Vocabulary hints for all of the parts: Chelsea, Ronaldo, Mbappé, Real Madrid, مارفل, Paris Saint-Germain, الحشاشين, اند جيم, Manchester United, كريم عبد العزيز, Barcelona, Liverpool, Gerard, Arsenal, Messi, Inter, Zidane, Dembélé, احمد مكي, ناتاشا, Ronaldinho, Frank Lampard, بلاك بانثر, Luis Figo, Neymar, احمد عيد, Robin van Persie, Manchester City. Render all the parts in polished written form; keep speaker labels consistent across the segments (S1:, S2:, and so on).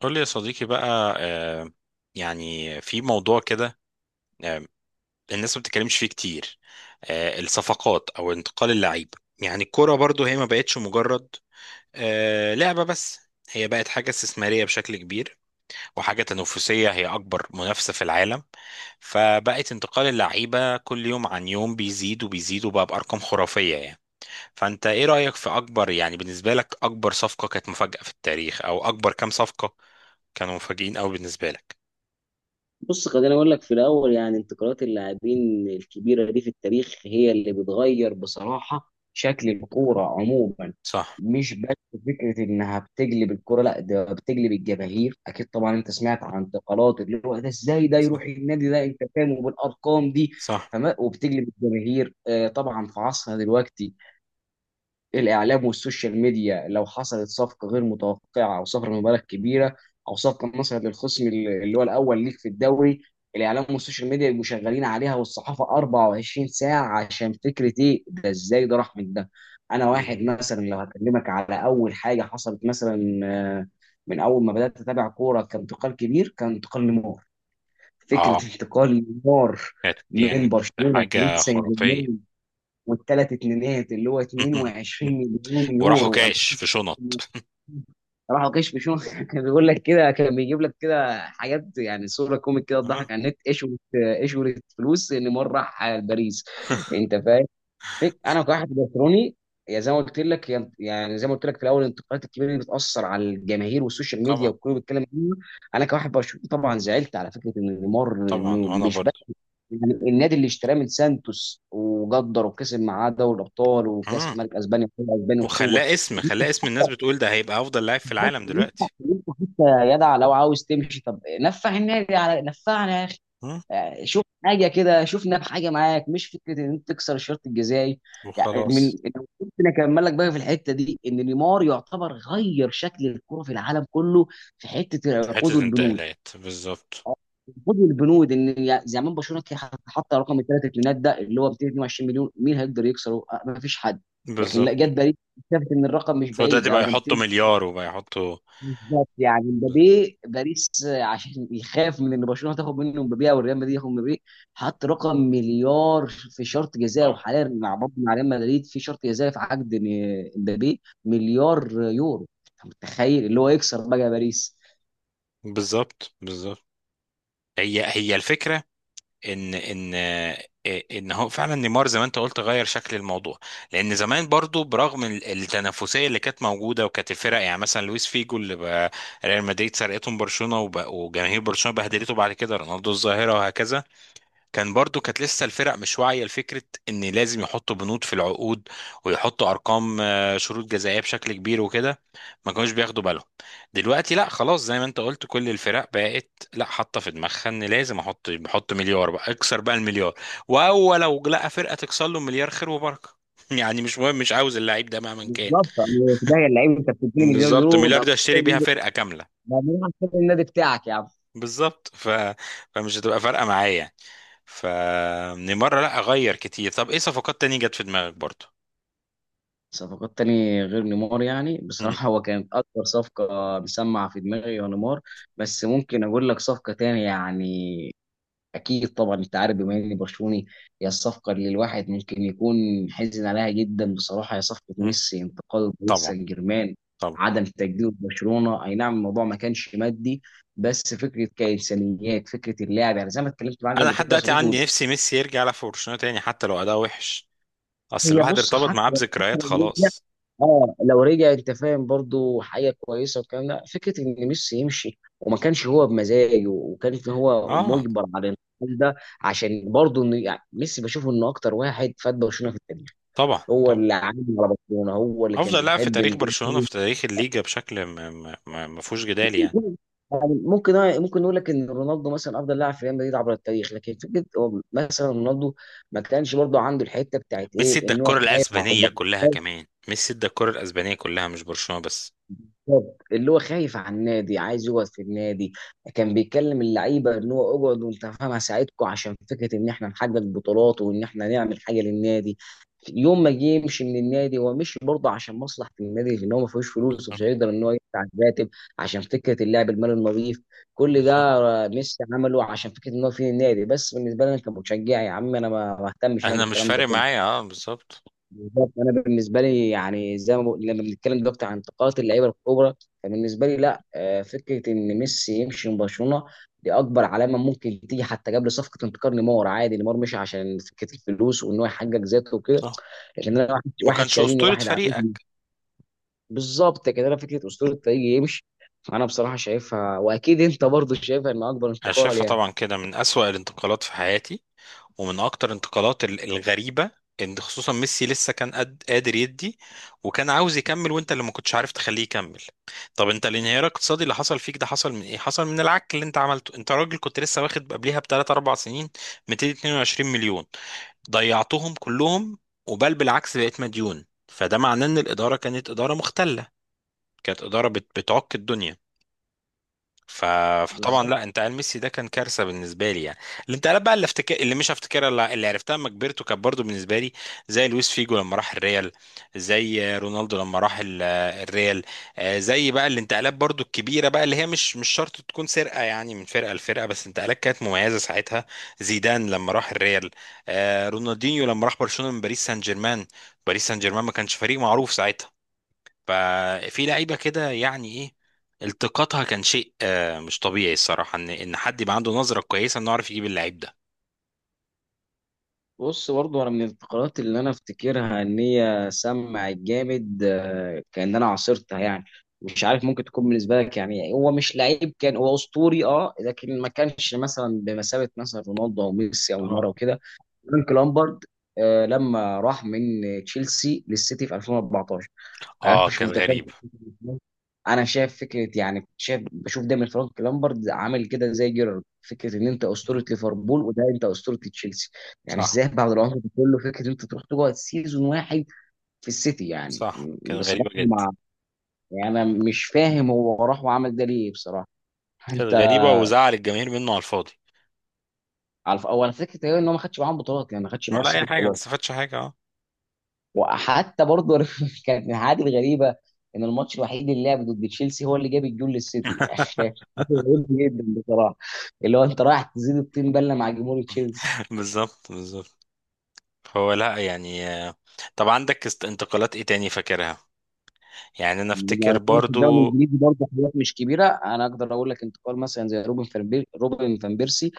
S1: قول لي يا صديقي بقى، يعني في موضوع كده. آه، الناس ما بتتكلمش فيه كتير. الصفقات او انتقال اللعيبه، يعني الكوره برضو هي ما بقتش مجرد لعبه بس، هي بقت حاجه استثماريه بشكل كبير، وحاجه تنافسيه، هي اكبر منافسه في العالم. فبقت انتقال اللعيبه كل يوم عن يوم بيزيد وبيزيد، وبقى بارقام خرافيه يعني. فانت ايه رايك في اكبر، يعني بالنسبه لك اكبر صفقه كانت مفاجاه في التاريخ، او اكبر كام صفقه كانوا مفاجئين قوي بالنسبه لك؟
S2: بص خليني اقول لك في الاول. يعني انتقالات اللاعبين الكبيره دي في التاريخ هي اللي بتغير بصراحه شكل الكوره عموما،
S1: صح.
S2: مش بس فكره انها بتقلب الكوره، لا ده بتقلب الجماهير. اكيد طبعا انت سمعت عن انتقالات اللي هو ده ازاي ده يروح
S1: صح.
S2: النادي ده، انت فاهم، وبالارقام دي.
S1: صح.
S2: وبتقلب الجماهير. طبعا في عصرنا دلوقتي الاعلام والسوشيال ميديا لو حصلت صفقه غير متوقعه او صفقه بمبالغ كبيره او صفقه مثلا للخصم اللي هو الاول ليك في الدوري، الاعلام والسوشيال ميديا يبقوا شغالين عليها والصحافه 24 ساعه، عشان فكره ايه ده ازاي ده راح من ده. انا واحد
S1: بالظبط.
S2: مثلا لو هكلمك على اول حاجه حصلت مثلا، من اول ما بدات اتابع كوره كانتقال كبير، كان انتقال نيمار.
S1: اه
S2: فكره انتقال نيمار
S1: كانت
S2: من
S1: يعني
S2: برشلونه لباريس
S1: حاجة
S2: سان
S1: خرافية.
S2: جيرمان، والثلاث اتنينات اللي هو 22 مليون
S1: وراحوا
S2: يورو.
S1: كاش في شنط.
S2: أنا راحوا كشفوا شو كان بيقول لك كده، كان بيجيب لك كده حاجات، يعني صوره كوميك كده
S1: اه
S2: تضحك على النت. ايش قلت فلوس ان مره راح باريس، انت فاهم. انا كواحد برشلوني، يا زي ما قلت لك يا- يعني زي ما قلت لك في الاول، الانتقادات الكبيره اللي بتاثر على الجماهير والسوشيال ميديا
S1: طبعا.
S2: والكل بيتكلم عنها. انا كواحد برشلوني طبعا زعلت، على فكره ان نيمار
S1: طبعا
S2: انه
S1: وانا
S2: مش،
S1: برضه.
S2: يعني النادي اللي اشتراه من سانتوس وقدر وكسب معاه دوري الابطال وكاس
S1: مم.
S2: ملك اسبانيا وكاس اسبانيا وسوبر.
S1: وخلاه اسم،
S2: إن انت،
S1: خلاه اسم الناس بتقول ده هيبقى افضل لاعب في
S2: بالظبط،
S1: العالم
S2: إن انت
S1: دلوقتي.
S2: إن انت حتى، يا جدع لو عاوز تمشي طب نفع النادي على نفعنا يا اخي.
S1: مم.
S2: شوف حاجه كده، شوفنا بحاجه معاك، مش فكره ان انت تكسر الشرط الجزائي. يعني.
S1: وخلاص.
S2: ممكن اكمل لك بقى في الحته دي، ان نيمار يعتبر غير شكل الكره في العالم كله، في حته العقود
S1: حتة
S2: والبنود.
S1: انتقالات بالظبط.
S2: آه، خد البنود، زمان برشلونه كان حط رقم الثلاث اتنينات ده اللي هو 222 مليون، مين هيقدر يكسره؟ ما فيش حد. لكن لا،
S1: بالظبط.
S2: جت باريس شافت ان الرقم مش بعيد،
S1: فدلوقتي
S2: ده
S1: بقى
S2: ده
S1: يحطوا
S2: 200.
S1: مليار وبقى يحطوا.
S2: بالظبط، يعني
S1: ب-
S2: مبابي باريس، عشان يخاف من ان برشلونه تاخد منه مبابي او ريال مدريد ياخد مبابي، حط رقم مليار في شرط جزاء.
S1: اه
S2: وحاليا مع برضه مع ريال مدريد في شرط جزاء في عقد مبابي مليار يورو. انت متخيل اللي هو يكسر بقى باريس؟
S1: بالظبط، بالظبط. هي هي الفكرة، ان ان ان هو فعلا نيمار زي ما انت قلت غير شكل الموضوع. لان زمان برضو برغم التنافسيه اللي كانت موجوده، وكانت الفرق، يعني مثلا لويس فيجو اللي بقى ريال مدريد سرقتهم برشلونه، وجماهير برشلونه بهدلته بعد كده، رونالدو الظاهره، وهكذا. كان برضو كانت لسه الفرق مش واعية لفكرة ان لازم يحطوا بنود في العقود، ويحطوا ارقام، شروط جزائية بشكل كبير وكده. ما كانوش بياخدوا بالهم. دلوقتي لا خلاص، زي ما انت قلت كل الفرق بقت لا حاطة في دماغها ان لازم احط، بحط مليار، بقى اكسر بقى المليار. واول لو لقى فرقة تكسر له مليار، خير وبركة. يعني مش مهم، مش عاوز اللعيب ده مهما كان.
S2: بالظبط، يعني في ده اللعيب انت بتديني مليار
S1: بالظبط،
S2: يورو
S1: مليار
S2: ده
S1: ده اشتري بيها فرقة كاملة.
S2: بعدين عشان النادي بتاعك يا عم.
S1: بالظبط. فمش هتبقى فارقه معايا يعني. فمن مره لا اغير كتير. طب ايه صفقات تانية جت في دماغك برضو؟
S2: صفقات تاني غير نيمار، يعني
S1: مم.
S2: بصراحة هو كانت أكبر صفقة مسمعة في دماغي هو نيمار، بس ممكن أقول لك صفقة تاني. يعني أكيد طبعا أنت عارف بما إني برشلوني، هي الصفقة اللي الواحد ممكن يكون حزن عليها جدا بصراحة، هي صفقة
S1: مم.
S2: ميسي انتقال باريس
S1: طبعا.
S2: سان جيرمان،
S1: طبعا.
S2: عدم تجديد برشلونة. أي نعم، الموضوع ما كانش مادي، بس فكرة كإنسانيات، فكرة اللاعب، يعني زي ما اتكلمت معاك
S1: انا
S2: قبل كده
S1: لحد
S2: يا
S1: دلوقتي
S2: صديقي.
S1: عندي نفسي ميسي يرجع يلعب في برشلونه تاني حتى لو اداء وحش، اصل
S2: هي
S1: الواحد
S2: بص
S1: ارتبط معاه
S2: حتى،
S1: بذكريات خلاص.
S2: اه لو رجع انت فاهم برضو حاجه كويسه، والكلام ده فكره ان ميسي يمشي وما كانش هو بمزاجه، وكانت ان هو
S1: اه
S2: مجبر على الانتقال ده، عشان برضو ان يعني ميسي بشوفه انه اكتر واحد فات برشلونه في التاريخ.
S1: طبعا،
S2: هو
S1: طبعا.
S2: اللي عامل على برشلونه، هو اللي كان
S1: افضل لاعب في
S2: بيحب
S1: تاريخ
S2: ان
S1: برشلونه، في تاريخ الليجا بشكل ما فيهوش جدال يعني.
S2: يعني ممكن، ممكن نقول لك ان رونالدو مثلا افضل لاعب في ريال مدريد عبر التاريخ، لكن فكره هو مثلا رونالدو ما كانش برضو عنده الحته بتاعت
S1: ميسي
S2: ايه،
S1: ادى
S2: ان هو
S1: الكره
S2: خايف على
S1: الاسبانيه
S2: البطل.
S1: كلها، كمان ميسي ادى الكره الاسبانيه كلها، مش برشلونه بس.
S2: بالظبط، اللي هو خايف على النادي، عايز يقعد في النادي، كان بيكلم اللعيبه ان هو اقعد وانت فاهم هساعدكم، عشان فكره ان احنا نحقق بطولات وان احنا نعمل حاجه للنادي. يوم ما جه يمشي من النادي، هو مشي برضه عشان مصلحه النادي، لان هو ما فيهوش فلوس ومش
S1: بالظبط.
S2: هيقدر ان هو يدفع الراتب عشان فكره اللعب المالي النظيف. كل
S1: بالظبط.
S2: ده ميسي عمله عشان فكره ان هو في النادي، بس بالنسبه لي انا كمشجع يا عم، انا ما اهتمش انا
S1: انا مش
S2: بالكلام ده
S1: فارق
S2: كله.
S1: معايا، اه بالظبط.
S2: بالظبط، انا بالنسبه لي يعني زي ما لما بنتكلم دلوقتي عن انتقالات اللعيبه الكبرى، فبالنسبه لي لا، فكره ان ميسي يمشي من برشلونه دي اكبر علامه ممكن تيجي، حتى قبل صفقه انتقال نيمار. عادي، نيمار مشي عشان فكره الفلوس وان هو يحقق ذاته وكده، لكن انا واحد،
S1: ما
S2: واحد
S1: كانش
S2: شاريني
S1: أسطورة
S2: واحد عاوزني.
S1: فريقك.
S2: بالظبط كده، انا فكره اسطوره الفريق يمشي، انا بصراحه شايفها واكيد انت برضو شايفها ان اكبر
S1: أنا
S2: انتقال
S1: شايفها
S2: يعني.
S1: طبعا كده من أسوأ الانتقالات في حياتي، ومن أكتر الانتقالات الغريبة. إن خصوصا ميسي لسه كان قد قادر يدي، وكان عاوز يكمل، وأنت اللي ما كنتش عارف تخليه يكمل. طب أنت الانهيار الاقتصادي اللي حصل فيك ده حصل من إيه؟ حصل من العك اللي أنت عملته. أنت راجل كنت لسه واخد قبليها بثلاث أربع سنين 222 مليون، ضيعتهم كلهم، وبل بالعكس بقيت مديون. فده معناه إن الإدارة كانت إدارة مختلة، كانت إدارة بتعك الدنيا. ف... فطبعا
S2: بالظبط،
S1: لا، انتقال ميسي ده كان كارثه بالنسبه لي يعني. الانتقالات بقى اللي افتكر، اللي مش هفتكرها، اللي عرفتها لما كبرت وكانت برضه بالنسبه لي زي لويس فيجو لما راح الريال، زي رونالدو لما راح الريال. زي بقى الانتقالات برضه الكبيره بقى اللي هي مش شرط تكون سرقه يعني من فرقه لفرقه، بس انتقالات كانت مميزه ساعتها، زيدان لما راح الريال، رونالدينيو لما راح برشلونه من باريس سان جيرمان. باريس سان جيرمان ما كانش فريق معروف ساعتها. ففي لعيبه كده، يعني ايه التقاطها، كان شيء مش طبيعي الصراحه، ان حد يبقى عنده نظره كويسه انه يعرف يجيب اللعيب ده.
S2: بص برضه انا من الفقرات اللي انا افتكرها ان هي سمعت جامد، كان انا عاصرتها، يعني مش عارف ممكن تكون بالنسبه لك يعني هو مش لعيب، كان هو اسطوري اه، لكن ما كانش مثلا بمثابه مثلا رونالدو او ميسي او
S1: اه.
S2: نيمار وكده. فرانك لامبارد، لما راح من تشيلسي للسيتي في 2014. انا
S1: اه
S2: مش
S1: كانت
S2: متخيل،
S1: غريبه.
S2: انا شايف فكره، يعني شايف بشوف دايما فرانك لامبرد عامل كده زي جيرارد، فكره ان انت
S1: مم.
S2: اسطوره ليفربول وده انت اسطوره تشيلسي، يعني
S1: صح.
S2: ازاي بعد العمر ده كله فكره ان انت تروح تقعد سيزون واحد في السيتي يعني.
S1: صح كانت غريبه
S2: بصراحه
S1: جدا.
S2: مع، يعني انا مش فاهم هو راح وعمل ده ليه بصراحه. انت
S1: كانت غريبه وزعل الجماهير منه على الفاضي.
S2: على اول فكره إيه ان هو ما خدش معاهم بطولات، يعني ما خدش مع
S1: ولا
S2: السيتي
S1: اي حاجه، ما
S2: بطولات.
S1: استفادش حاجه، اه.
S2: وحتى برضه كانت من الحاجات الغريبه، ان الماتش الوحيد اللي لعب ضد تشيلسي هو اللي جاب الجول للسيتي حاجه غريبه جدا بصراحه، اللي هو انت رايح تزيد الطين بله مع جمهور تشيلسي.
S1: بالظبط، بالظبط. هو لا يعني، طب عندك انتقالات ايه تاني فاكرها؟ يعني انا
S2: لو
S1: افتكر
S2: هنتكلم في الدوري
S1: برضو.
S2: الانجليزي برضه، حاجات مش كبيره انا اقدر اقول لك، انتقال مثلا زي روبن فان بيرسي،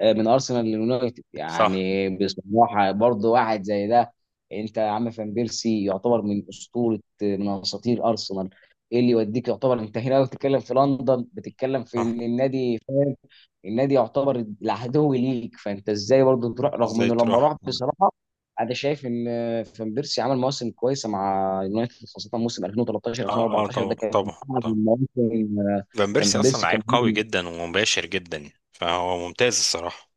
S2: من ارسنال لليونايتد.
S1: صح.
S2: يعني بصراحه برضه واحد زي ده، انت يا عم فان بيرسي يعتبر من اسطوره من اساطير ارسنال، ايه اللي يوديك يعتبر، انت هنا لو بتتكلم في لندن بتتكلم في
S1: صح.
S2: ان النادي فاهم النادي يعتبر العدو ليك، فانت ازاي برضه تروح؟ رغم
S1: ازاي
S2: انه لما
S1: تروح.
S2: راح بصراحه، انا شايف ان فان بيرسي عمل مواسم كويسه مع يونايتد، خاصه موسم 2013
S1: اه. اه
S2: 2014
S1: طبعا،
S2: ده كان
S1: طبعا.
S2: احد
S1: طبعا.
S2: المواسم. آه،
S1: فان بيرسي
S2: فان
S1: اصلا
S2: بيرسي
S1: لعيب
S2: كان،
S1: قوي جدا ومباشر جدا يعني، فهو ممتاز الصراحه.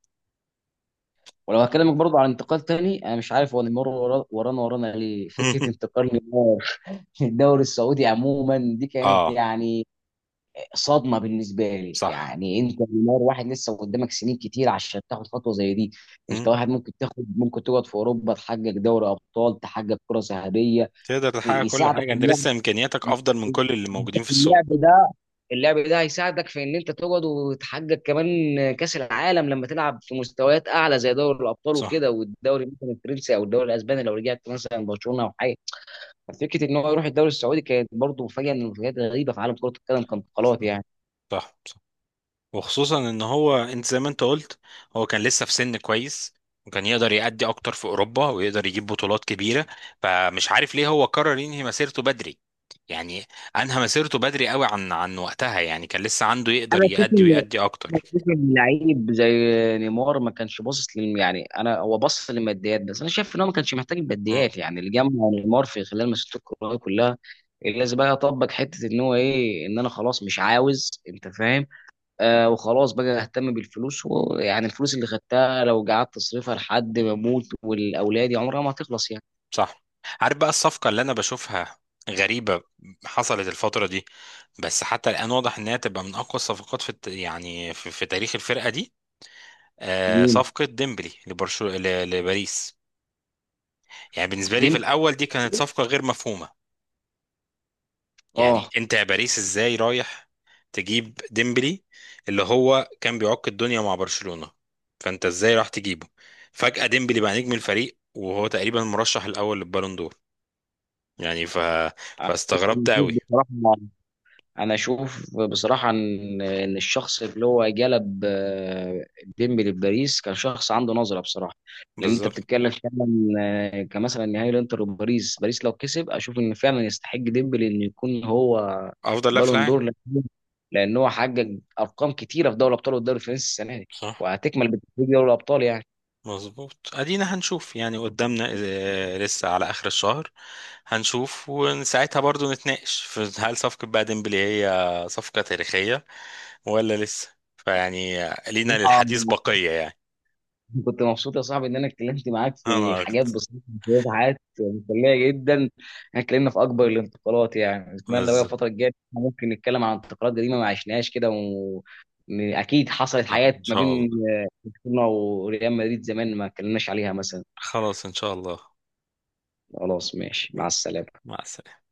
S2: ولو هكلمك برضه عن انتقال تاني، انا مش عارف هو نيمار ورانا ورانا ليه، فكره انتقال نيمار الدوري السعودي عموما دي كانت
S1: اه.
S2: يعني صدمه بالنسبه لي.
S1: صح.
S2: يعني انت نيمار، واحد لسه قدامك سنين كتير عشان تاخد خطوه زي دي،
S1: مم.
S2: انت واحد ممكن تاخد، ممكن تقعد في اوروبا تحقق دوري ابطال، تحقق كره ذهبيه،
S1: تقدر تحقق كل
S2: يساعدك
S1: حاجه، انت
S2: اللاعب،
S1: لسه امكانياتك افضل من كل اللي موجودين في
S2: اللاعب
S1: السوق.
S2: ده اللعب ده هيساعدك في ان انت تقعد وتحقق كمان كاس العالم، لما تلعب في مستويات اعلى زي دوري الابطال
S1: صح.
S2: وكده، والدوري مثلا الفرنسي او الدوري الاسباني لو رجعت مثلا برشلونه او حاجه. ففكره ان هو يروح الدوري السعودي كانت برضه مفاجاه من المفاجآت الغريبه في عالم كره القدم،
S1: صح.
S2: كانتقالات يعني.
S1: صح، صح. وخصوصا ان هو انت زي ما انت قلت، هو كان لسه في سن كويس، وكان يقدر يأدي اكتر في اوروبا ويقدر يجيب بطولات كبيره. فمش عارف ليه هو قرر ينهي مسيرته بدري يعني. انهى مسيرته بدري قوي عن وقتها يعني. كان لسه عنده، يقدر
S2: انا اشوف
S1: يأدي
S2: ان
S1: ويأدي
S2: انا
S1: اكتر.
S2: اشوف ان لعيب زي نيمار ما كانش باصص لل، يعني انا هو باصص للماديات بس، انا شايف ان هو ما كانش محتاج الماديات. يعني اللي جمع نيمار في خلال مسيرته الكرويه كلها، اللي لازم بقى اطبق حته ان هو ايه، ان انا خلاص مش عاوز، انت فاهم، آه وخلاص بقى اهتم بالفلوس. ويعني الفلوس اللي خدتها لو قعدت تصرفها لحد ما اموت والاولاد، عمرها ما هتخلص يعني.
S1: صح. عارف بقى الصفقة اللي أنا بشوفها غريبة حصلت الفترة دي؟ بس حتى الآن واضح إنها تبقى من أقوى الصفقات في يعني في تاريخ الفرقة دي. آه
S2: مين؟
S1: صفقة ديمبلي لبرشو لباريس. يعني بالنسبة لي
S2: دي،
S1: في الأول دي كانت صفقة غير مفهومة. يعني
S2: اه.
S1: أنت يا باريس إزاي رايح تجيب ديمبلي، اللي هو كان بيعك الدنيا مع برشلونة، فأنت إزاي راح تجيبه؟ فجأة ديمبلي بقى نجم الفريق، وهو تقريبا المرشح الأول للبالون دور يعني. فاستغربت
S2: بنشوف
S1: قوي.
S2: بصراحة، انا اشوف بصراحه ان ان الشخص اللي هو جلب، ديمبلي لباريس كان شخص عنده نظره بصراحه. لان انت
S1: بالظبط.
S2: بتتكلم فعلا، كمثلا نهائي الانتر وباريس، باريس لو كسب اشوف ان فعلا يستحق ديمبلي ان يكون هو
S1: افضل لاعب في
S2: بالون
S1: العالم.
S2: دور. لان هو حقق ارقام كتيره في دوري الابطال والدوري الفرنسي السنه دي،
S1: صح.
S2: وهتكمل بتتويج دوري الابطال
S1: مظبوط، ادينا هنشوف يعني قدامنا، لسه على اخر الشهر هنشوف، وساعتها برضو نتناقش في هل صفقة بقى ديمبلي هي صفقة تاريخية، ولا لسه فيعني لينا
S2: يعني.
S1: للحديث بقية يعني.
S2: كنت مبسوط يا صاحبي ان انا اتكلمت معاك في
S1: انا
S2: الحاجات
S1: اكتر.
S2: بسيطه، شويه حاجات مسليه جدا، احنا اتكلمنا في اكبر الانتقالات. يعني اتمنى بقى
S1: بالظبط.
S2: الفتره الجايه إحنا ممكن نتكلم عن انتقالات قديمه ما عشناهاش كده، و... إن اكيد حصلت
S1: صح ان
S2: حاجات ما
S1: شاء
S2: بين
S1: الله.
S2: برشلونه وريال مدريد زمان ما اتكلمناش عليها مثلا.
S1: خلاص ان شاء الله.
S2: خلاص ماشي، مع
S1: ماشي
S2: السلامه.
S1: مع السلامة.